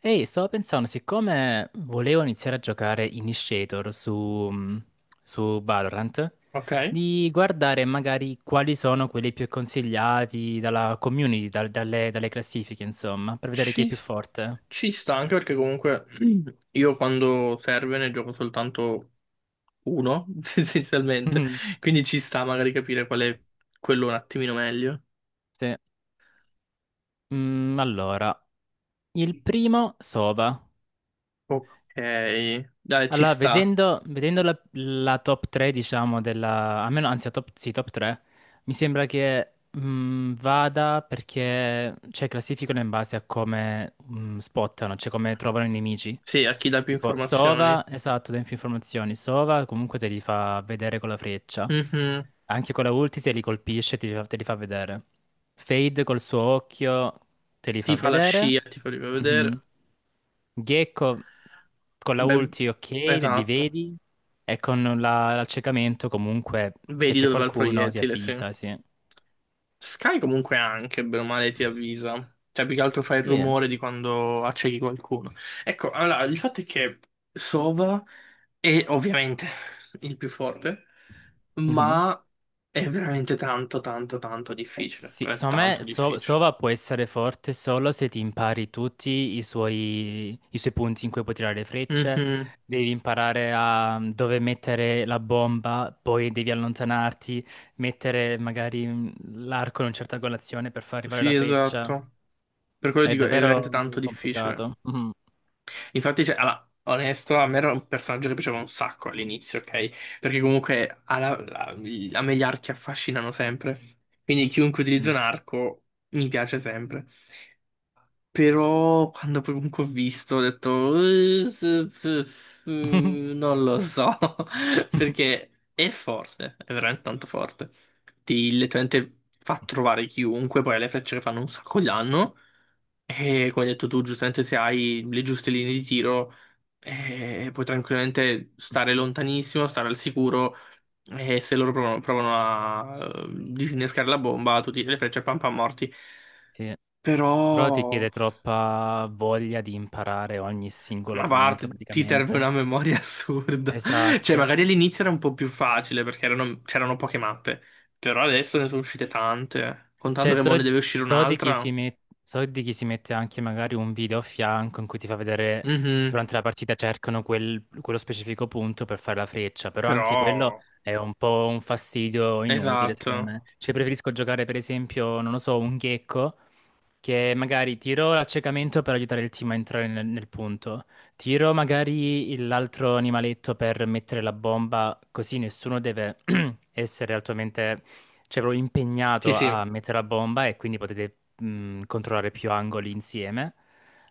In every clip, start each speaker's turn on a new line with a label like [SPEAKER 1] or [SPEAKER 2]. [SPEAKER 1] Ehi, stavo pensando, siccome volevo iniziare a giocare Initiator su Valorant,
[SPEAKER 2] Ok,
[SPEAKER 1] di guardare magari quali sono quelli più consigliati dalla community, dalle classifiche, insomma, per vedere chi è
[SPEAKER 2] ci,
[SPEAKER 1] più forte.
[SPEAKER 2] ci sta anche perché comunque io quando serve ne gioco soltanto uno, essenzialmente, quindi ci sta magari capire qual è quello un attimino meglio.
[SPEAKER 1] Sì. Allora, il primo, Sova.
[SPEAKER 2] Ok, dai, ci
[SPEAKER 1] Allora,
[SPEAKER 2] sta.
[SPEAKER 1] vedendo la top 3, diciamo, della, almeno, anzi, la top, sì, top 3, mi sembra che vada perché, cioè, classificano in base a come spottano, cioè come trovano i nemici.
[SPEAKER 2] Sì, a chi dà più
[SPEAKER 1] Tipo
[SPEAKER 2] informazioni.
[SPEAKER 1] Sova, esatto, tempi informazioni. Sova comunque te li fa vedere con la freccia.
[SPEAKER 2] Mhm.
[SPEAKER 1] Anche con la ulti se li colpisce te li fa vedere. Fade col suo occhio te li
[SPEAKER 2] Ti
[SPEAKER 1] fa
[SPEAKER 2] fa la
[SPEAKER 1] vedere.
[SPEAKER 2] scia, ti fa vedere.
[SPEAKER 1] Mhm. Gecko con la
[SPEAKER 2] Beh,
[SPEAKER 1] ulti ok, li
[SPEAKER 2] esatto,
[SPEAKER 1] vedi. E con l'accecamento comunque se
[SPEAKER 2] vedi
[SPEAKER 1] c'è
[SPEAKER 2] dove va il
[SPEAKER 1] qualcuno ti
[SPEAKER 2] proiettile, sì.
[SPEAKER 1] avvisa, sì.
[SPEAKER 2] Sky comunque anche, bene o male, ti avvisa. Cioè, più che altro fa il
[SPEAKER 1] Sì.
[SPEAKER 2] rumore di quando accechi qualcuno. Ecco, allora, il fatto è che Sova è ovviamente il più forte,
[SPEAKER 1] Mhm.
[SPEAKER 2] ma è veramente tanto, tanto, tanto difficile.
[SPEAKER 1] Sì,
[SPEAKER 2] È
[SPEAKER 1] secondo me
[SPEAKER 2] tanto
[SPEAKER 1] So-
[SPEAKER 2] difficile.
[SPEAKER 1] Sova può essere forte solo se ti impari tutti i suoi punti in cui puoi tirare le frecce,
[SPEAKER 2] Mhm.
[SPEAKER 1] devi imparare a dove mettere la bomba, poi devi allontanarti, mettere magari l'arco in una certa angolazione per far arrivare
[SPEAKER 2] Sì,
[SPEAKER 1] la freccia.
[SPEAKER 2] esatto. Per quello
[SPEAKER 1] È
[SPEAKER 2] dico, è veramente
[SPEAKER 1] davvero
[SPEAKER 2] tanto difficile.
[SPEAKER 1] complicato. Mhm.
[SPEAKER 2] Infatti, cioè, allora, onesto, a me era un personaggio che piaceva un sacco all'inizio, ok? Perché comunque a me gli archi affascinano sempre. Quindi chiunque utilizza un arco mi piace sempre. Però quando poi comunque ho visto, ho detto...
[SPEAKER 1] Mm.
[SPEAKER 2] Non lo so." Perché è forte, è veramente tanto forte. Ti letteralmente fa trovare chiunque, poi ha le frecce che fanno un sacco di danno. E come hai detto tu, giustamente, se hai le giuste linee di tiro, puoi tranquillamente stare lontanissimo, stare al sicuro. E se loro provano a disinnescare la bomba, tu tiri le frecce pam pam morti.
[SPEAKER 1] Sì,
[SPEAKER 2] Però,
[SPEAKER 1] però ti chiede troppa voglia di imparare ogni
[SPEAKER 2] ma
[SPEAKER 1] singolo
[SPEAKER 2] a
[SPEAKER 1] punto
[SPEAKER 2] parte, ti serve
[SPEAKER 1] praticamente.
[SPEAKER 2] una memoria assurda. Cioè,
[SPEAKER 1] Esatto.
[SPEAKER 2] magari all'inizio era un po' più facile perché c'erano poche mappe. Però adesso ne sono uscite tante. Contando
[SPEAKER 1] Cioè,
[SPEAKER 2] che
[SPEAKER 1] so,
[SPEAKER 2] mo ne deve uscire
[SPEAKER 1] so di chi
[SPEAKER 2] un'altra.
[SPEAKER 1] si mette anche magari un video a fianco in cui ti fa vedere
[SPEAKER 2] Mhm.
[SPEAKER 1] durante la partita cercano quello specifico punto per fare la freccia, però
[SPEAKER 2] Però,
[SPEAKER 1] anche quello è un po' un fastidio inutile,
[SPEAKER 2] esatto.
[SPEAKER 1] secondo me. Cioè, preferisco giocare, per esempio, non lo so, un gecko che magari tiro l'accecamento per aiutare il team a entrare nel punto, tiro magari l'altro animaletto per mettere la bomba, così nessuno deve essere altamente, cioè, proprio
[SPEAKER 2] Sì,
[SPEAKER 1] impegnato
[SPEAKER 2] sì.
[SPEAKER 1] a mettere la bomba e quindi potete controllare più angoli insieme.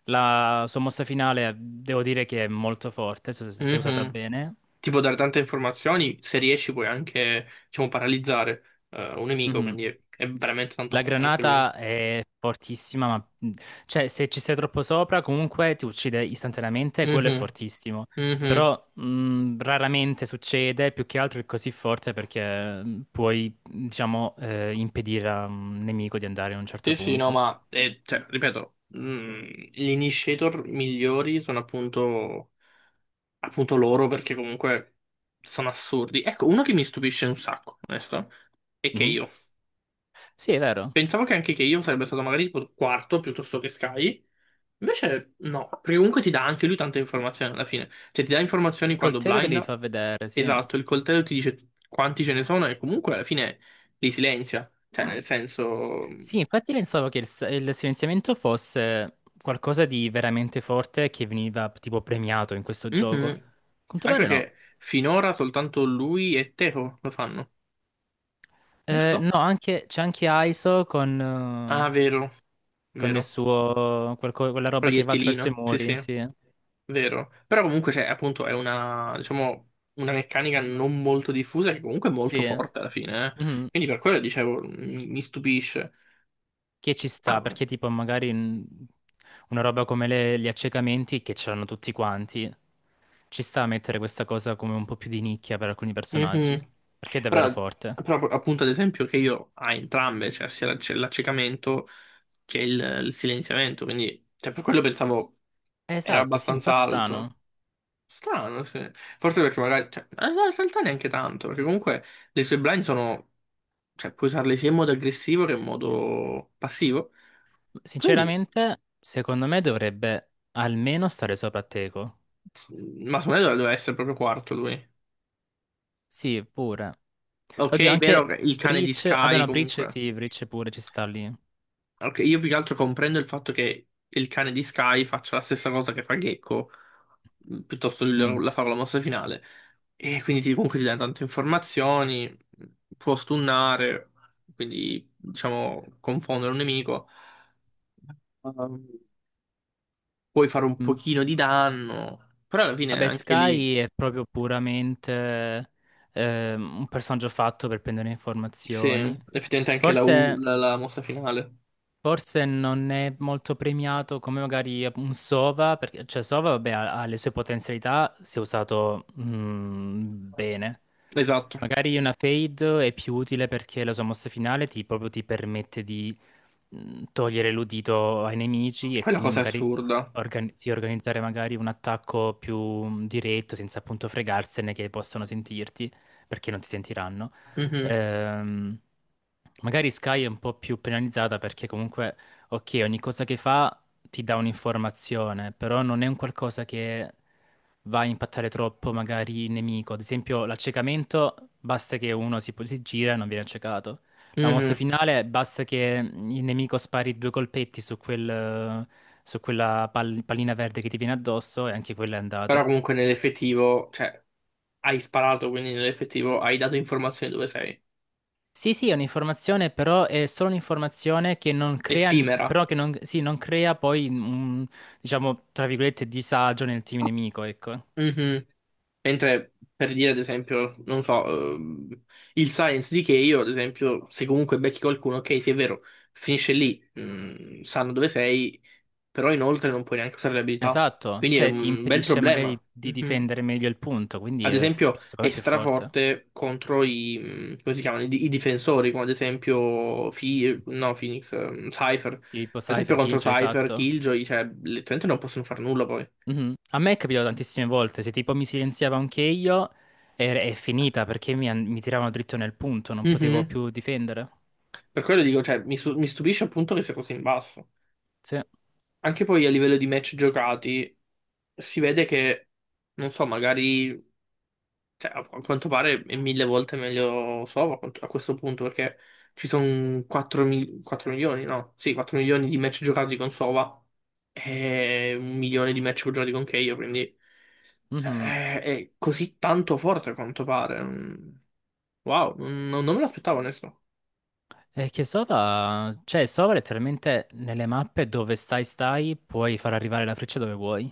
[SPEAKER 1] La sua mossa finale devo dire che è molto forte, se è usata
[SPEAKER 2] Mhm.
[SPEAKER 1] bene.
[SPEAKER 2] Ti può dare tante informazioni, se riesci puoi anche, diciamo, paralizzare un nemico,
[SPEAKER 1] Mhm.
[SPEAKER 2] quindi è veramente tanto
[SPEAKER 1] La
[SPEAKER 2] forte anche lui.
[SPEAKER 1] granata è fortissima, ma cioè, se ci sei troppo sopra, comunque ti uccide istantaneamente, quello è
[SPEAKER 2] Mhm,
[SPEAKER 1] fortissimo.
[SPEAKER 2] mhm.
[SPEAKER 1] Però raramente succede, più che altro è così forte perché puoi, diciamo, impedire a un nemico di andare a un
[SPEAKER 2] Sì,
[SPEAKER 1] certo
[SPEAKER 2] sì, no,
[SPEAKER 1] punto.
[SPEAKER 2] ma, cioè, ripeto, gli initiator migliori sono appunto loro perché comunque sono assurdi. Ecco, uno che mi stupisce un sacco, onesto, è
[SPEAKER 1] Mhm.
[SPEAKER 2] Keio.
[SPEAKER 1] Sì, è vero.
[SPEAKER 2] Pensavo che anche Keio sarebbe stato magari tipo quarto piuttosto che Sky. Invece no, perché comunque ti dà anche lui tante informazioni alla fine. Cioè ti dà informazioni
[SPEAKER 1] Il
[SPEAKER 2] quando
[SPEAKER 1] coltello te li
[SPEAKER 2] blinda.
[SPEAKER 1] fa vedere, sì.
[SPEAKER 2] Esatto, il coltello ti dice quanti ce ne sono e comunque alla fine li silenzia. Cioè nel senso...
[SPEAKER 1] Sì, infatti pensavo che il silenziamento fosse qualcosa di veramente forte che veniva tipo premiato in questo gioco. A
[SPEAKER 2] Mhm.
[SPEAKER 1] quanto
[SPEAKER 2] Anche
[SPEAKER 1] pare no.
[SPEAKER 2] perché finora soltanto lui e Teco lo fanno, giusto?
[SPEAKER 1] No, c'è anche ISO con,
[SPEAKER 2] Ah,
[SPEAKER 1] eh,
[SPEAKER 2] vero,
[SPEAKER 1] con il
[SPEAKER 2] vero.
[SPEAKER 1] suo, quella roba che va attraverso i
[SPEAKER 2] Proiettilino, sì
[SPEAKER 1] muri,
[SPEAKER 2] sì.
[SPEAKER 1] sì.
[SPEAKER 2] Vero, però comunque c'è appunto è una, diciamo, una meccanica non molto diffusa che comunque è molto
[SPEAKER 1] Sì,
[SPEAKER 2] forte alla fine, eh.
[SPEAKER 1] mhm.
[SPEAKER 2] Quindi per quello dicevo, mi stupisce.
[SPEAKER 1] Che ci sta,
[SPEAKER 2] Ah,
[SPEAKER 1] perché tipo magari una roba come gli accecamenti che c'erano tutti quanti, ci sta a mettere questa cosa come un po' più di nicchia per alcuni personaggi,
[SPEAKER 2] mhm.
[SPEAKER 1] perché è davvero
[SPEAKER 2] Però,
[SPEAKER 1] forte.
[SPEAKER 2] però appunto ad esempio che io ha entrambe, cioè sia l'accecamento che il silenziamento, quindi cioè, per quello pensavo era
[SPEAKER 1] Esatto, sì, mi fa
[SPEAKER 2] abbastanza alto.
[SPEAKER 1] strano.
[SPEAKER 2] Strano, sì. Forse perché magari... Cioè, no, in realtà neanche tanto, perché comunque le sue blind sono... Cioè, puoi usarle sia in modo aggressivo che in modo passivo. Quindi,
[SPEAKER 1] Sinceramente, secondo me dovrebbe almeno stare sopra Teco.
[SPEAKER 2] s- ma secondo me doveva essere proprio quarto lui.
[SPEAKER 1] Sì, pure. Oddio,
[SPEAKER 2] Ok, vero
[SPEAKER 1] anche
[SPEAKER 2] che il cane di
[SPEAKER 1] Breach. Vabbè,
[SPEAKER 2] Sky
[SPEAKER 1] no, Breach
[SPEAKER 2] comunque.
[SPEAKER 1] sì, Breach pure ci sta lì.
[SPEAKER 2] Ok, io più che altro comprendo il fatto che il cane di Sky faccia la stessa cosa che fa Gecko, piuttosto
[SPEAKER 1] Mm,
[SPEAKER 2] la favola mossa finale. E quindi comunque ti dà tante informazioni, può stunnare, quindi diciamo confondere un nemico. Um, Puoi fare un
[SPEAKER 1] mm.
[SPEAKER 2] pochino di danno, però alla fine
[SPEAKER 1] Vabbè,
[SPEAKER 2] anche lì,
[SPEAKER 1] Sky è proprio puramente un personaggio fatto per prendere
[SPEAKER 2] sì,
[SPEAKER 1] informazioni.
[SPEAKER 2] effettivamente anche la, U-
[SPEAKER 1] Forse,
[SPEAKER 2] la- la mossa finale.
[SPEAKER 1] forse non è molto premiato come magari un Sova, perché cioè Sova, vabbè, ha le sue potenzialità se usato bene.
[SPEAKER 2] Esatto,
[SPEAKER 1] Magari una Fade è più utile perché la sua mossa finale ti, proprio ti permette di togliere l'udito ai nemici e
[SPEAKER 2] quella
[SPEAKER 1] quindi
[SPEAKER 2] cosa è
[SPEAKER 1] magari
[SPEAKER 2] assurda.
[SPEAKER 1] sì, organizzare magari un attacco più diretto senza appunto fregarsene che possono sentirti perché non ti sentiranno.
[SPEAKER 2] Mhm.
[SPEAKER 1] Ehm, Magari Sky è un po' più penalizzata perché comunque, ok, ogni cosa che fa ti dà un'informazione, però non è un qualcosa che va a impattare troppo magari il nemico. Ad esempio, l'accecamento basta che uno si gira e non viene accecato. La mossa
[SPEAKER 2] Mhm.
[SPEAKER 1] finale basta che il nemico spari due colpetti su quella pallina verde che ti viene addosso e anche quello è
[SPEAKER 2] Però
[SPEAKER 1] andato.
[SPEAKER 2] comunque nell'effettivo, cioè, hai sparato, quindi nell'effettivo hai dato informazioni dove sei.
[SPEAKER 1] Sì, sì, è un'informazione, però è solo un'informazione che non crea,
[SPEAKER 2] Effimera.
[SPEAKER 1] però che non, sì, non crea poi un, diciamo, tra virgolette, disagio nel team nemico, ecco.
[SPEAKER 2] Mhm. Mentre per dire, ad esempio, non so, ehm, il science di Kay, io, ad esempio, se comunque becchi qualcuno, ok, sì, è vero, finisce lì, sanno dove sei, però inoltre non puoi neanche usare le abilità.
[SPEAKER 1] Esatto,
[SPEAKER 2] Quindi è
[SPEAKER 1] cioè ti
[SPEAKER 2] un bel
[SPEAKER 1] impedisce
[SPEAKER 2] problema.
[SPEAKER 1] magari di
[SPEAKER 2] Mhm.
[SPEAKER 1] difendere meglio il punto, quindi
[SPEAKER 2] Ad
[SPEAKER 1] è,
[SPEAKER 2] esempio,
[SPEAKER 1] secondo me
[SPEAKER 2] è
[SPEAKER 1] è più forte.
[SPEAKER 2] straforte contro come si chiamano, i difensori, come ad esempio no, Phoenix, Cypher. Ad
[SPEAKER 1] Tipo
[SPEAKER 2] esempio
[SPEAKER 1] Cypher
[SPEAKER 2] contro
[SPEAKER 1] Killjoy,
[SPEAKER 2] Cypher,
[SPEAKER 1] esatto.
[SPEAKER 2] Killjoy, cioè, letteralmente non possono fare nulla poi.
[SPEAKER 1] Mhm. A me è capitato tantissime volte, se tipo mi silenziava anche io, è finita perché mi tiravano dritto nel punto, non potevo
[SPEAKER 2] Mhm.
[SPEAKER 1] più difendere.
[SPEAKER 2] Per quello dico, cioè, mi stupisce appunto che sia così in basso.
[SPEAKER 1] Sì.
[SPEAKER 2] Anche poi a livello di match giocati, si vede che, non so, magari. Cioè, a quanto pare è mille volte meglio Sova a questo punto, perché ci sono 4 milioni, no? Sì, 4 milioni di match giocati con Sova e 1 milione di match giocati con Keio, quindi cioè,
[SPEAKER 1] Mhm.
[SPEAKER 2] è così tanto forte a quanto pare. Mm. Wow, non me l'aspettavo, onesto.
[SPEAKER 1] E che Sova, cioè Sova letteralmente nelle mappe dove stai puoi far arrivare la freccia dove vuoi.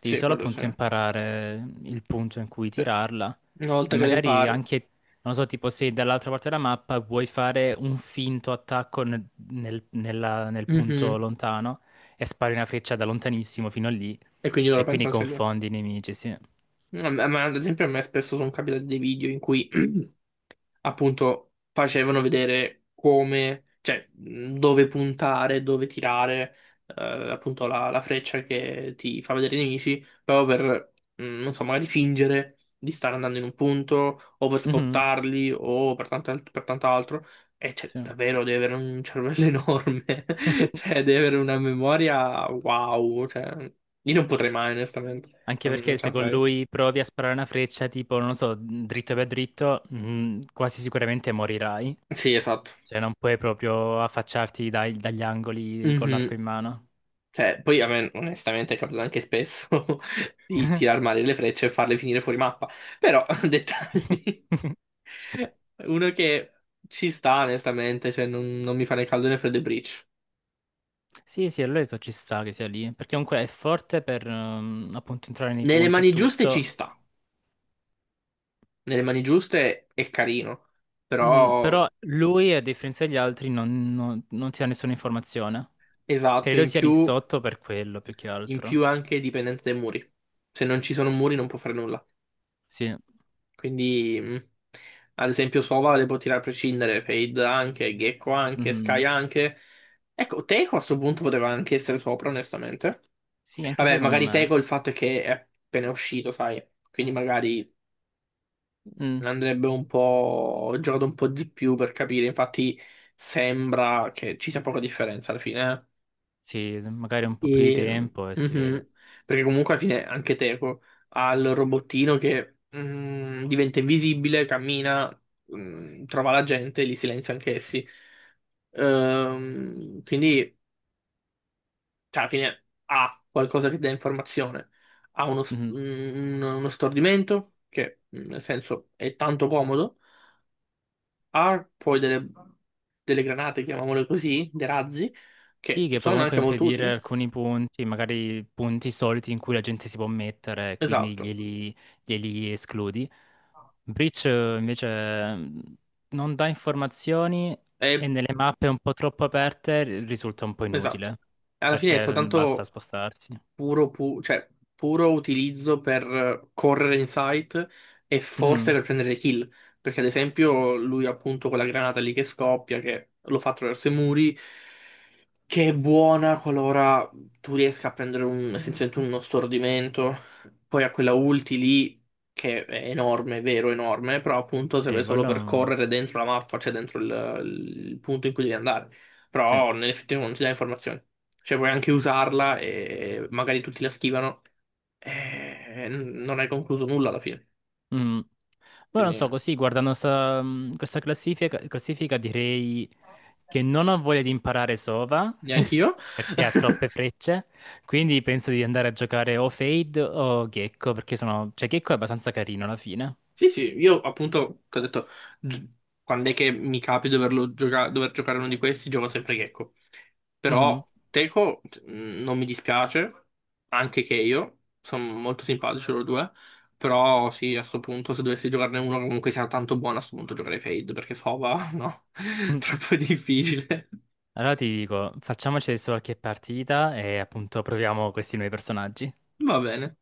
[SPEAKER 1] Devi
[SPEAKER 2] Sì,
[SPEAKER 1] solo
[SPEAKER 2] quello sì,
[SPEAKER 1] appunto imparare il punto in cui
[SPEAKER 2] sì.
[SPEAKER 1] tirarla.
[SPEAKER 2] Una
[SPEAKER 1] E
[SPEAKER 2] volta che le
[SPEAKER 1] magari
[SPEAKER 2] impari.
[SPEAKER 1] anche, non so, tipo se dall'altra parte della mappa vuoi fare un finto attacco nel punto
[SPEAKER 2] Mhm.
[SPEAKER 1] lontano e spari una freccia da lontanissimo fino a lì
[SPEAKER 2] E quindi loro
[SPEAKER 1] e quindi
[SPEAKER 2] pensano sia lì.
[SPEAKER 1] confondi i nemici, sì.
[SPEAKER 2] No, Ma ad esempio a me spesso sono capitati dei video in cui appunto facevano vedere come, cioè dove puntare, dove tirare, appunto la freccia che ti fa vedere i nemici, proprio per, non so, magari fingere di stare andando in un punto, o per
[SPEAKER 1] Mhm,
[SPEAKER 2] spottarli, o per per tant'altro. E cioè,
[SPEAKER 1] sì.
[SPEAKER 2] davvero devi avere un cervello enorme, cioè devi avere una memoria wow, cioè io non potrei mai onestamente,
[SPEAKER 1] Anche
[SPEAKER 2] non
[SPEAKER 1] perché se con
[SPEAKER 2] saprei.
[SPEAKER 1] lui provi a sparare una freccia, tipo, non lo so, dritto per dritto, quasi sicuramente morirai.
[SPEAKER 2] Sì, esatto.
[SPEAKER 1] Cioè non puoi proprio affacciarti dagli angoli con l'arco
[SPEAKER 2] Mhm.
[SPEAKER 1] in mano.
[SPEAKER 2] Cioè, poi a me onestamente è capitato anche spesso di tirar male le frecce e farle finire fuori mappa. Però, dettagli. Uno che ci sta, onestamente, cioè non mi fa né caldo né freddo e Breach.
[SPEAKER 1] Sì, sì, allora detto ci sta che sia lì, perché comunque è forte per appunto entrare nei
[SPEAKER 2] Nelle
[SPEAKER 1] punti e
[SPEAKER 2] mani giuste ci
[SPEAKER 1] tutto,
[SPEAKER 2] sta. Nelle mani giuste è carino.
[SPEAKER 1] Mhm,
[SPEAKER 2] Però,
[SPEAKER 1] però lui, a differenza degli altri, non ti dà nessuna informazione.
[SPEAKER 2] esatto,
[SPEAKER 1] Credo
[SPEAKER 2] in
[SPEAKER 1] sia lì
[SPEAKER 2] più,
[SPEAKER 1] sotto per quello, più che
[SPEAKER 2] in più
[SPEAKER 1] altro.
[SPEAKER 2] anche è dipendente dai muri. Se non ci sono muri non può fare nulla.
[SPEAKER 1] Sì,
[SPEAKER 2] Quindi, ad esempio, Sova le può tirare a prescindere, Fade anche, Gecko anche,
[SPEAKER 1] Mhm.
[SPEAKER 2] Sky anche. Ecco, Teco a questo punto poteva anche essere sopra, onestamente.
[SPEAKER 1] Sì, anche
[SPEAKER 2] Vabbè,
[SPEAKER 1] secondo
[SPEAKER 2] magari
[SPEAKER 1] me.
[SPEAKER 2] Teco il fatto è che è appena uscito, sai, quindi magari
[SPEAKER 1] Mm.
[SPEAKER 2] andrebbe un po' giocato un po' di più per capire. Infatti, sembra che ci sia poca differenza alla fine, eh.
[SPEAKER 1] Sì, magari un po' più di
[SPEAKER 2] E,
[SPEAKER 1] tempo e si vede.
[SPEAKER 2] mhm. Perché comunque alla fine anche Teco ha il robottino che diventa invisibile, cammina, trova la gente, li silenzia anch'essi. Quindi, cioè, alla fine ha qualcosa che dà informazione, ha uno, s-
[SPEAKER 1] Mhm.
[SPEAKER 2] un- uno stordimento, che nel senso è tanto comodo, ha poi delle granate, chiamiamole così, dei razzi,
[SPEAKER 1] Sì,
[SPEAKER 2] che
[SPEAKER 1] che puoi
[SPEAKER 2] sono
[SPEAKER 1] comunque
[SPEAKER 2] anche molto
[SPEAKER 1] impedire
[SPEAKER 2] utili.
[SPEAKER 1] alcuni punti, magari punti soliti in cui la gente si può mettere, quindi
[SPEAKER 2] Esatto.
[SPEAKER 1] glieli escludi. Breach invece non dà informazioni e nelle mappe un po' troppo aperte risulta un po'
[SPEAKER 2] Esatto.
[SPEAKER 1] inutile
[SPEAKER 2] Alla fine è
[SPEAKER 1] perché basta
[SPEAKER 2] soltanto
[SPEAKER 1] spostarsi.
[SPEAKER 2] cioè, puro utilizzo per correre in sight e forse
[SPEAKER 1] Mm,
[SPEAKER 2] per prendere kill. Perché, ad esempio, lui appunto quella granata lì che scoppia, che lo fa attraverso i muri, che è buona qualora tu riesca a prendere essenzialmente uno stordimento. Poi ha quella ulti lì, che è enorme, è vero, enorme, però appunto serve
[SPEAKER 1] sì,
[SPEAKER 2] solo
[SPEAKER 1] quello
[SPEAKER 2] per correre dentro la mappa, cioè dentro il punto in cui devi andare.
[SPEAKER 1] sì.
[SPEAKER 2] Però nell'effettivo non ti dà informazioni. Cioè puoi anche usarla e magari tutti la schivano e non hai concluso nulla alla fine.
[SPEAKER 1] Mm. Poi non so,
[SPEAKER 2] Quindi
[SPEAKER 1] così guardando questa classifica direi che non ho voglia di imparare Sova
[SPEAKER 2] neanche io.
[SPEAKER 1] perché ha troppe frecce, quindi penso di andare a giocare o Fade o Gecko perché sono, cioè Gecko è abbastanza carino alla fine.
[SPEAKER 2] Sì, sì, io appunto, che ho detto, gi- quando è che mi capi dover giocare uno di questi, gioco sempre Gecko.
[SPEAKER 1] Mhm.
[SPEAKER 2] Però Teco non mi dispiace, anche che io, sono molto simpatici loro due, però sì, a questo punto se dovessi giocarne uno che comunque sia tanto buono, a questo punto giocherei Fade, perché Fova, no, troppo difficile.
[SPEAKER 1] Allora ti dico, facciamoci adesso qualche partita e appunto proviamo questi nuovi personaggi.
[SPEAKER 2] Va bene.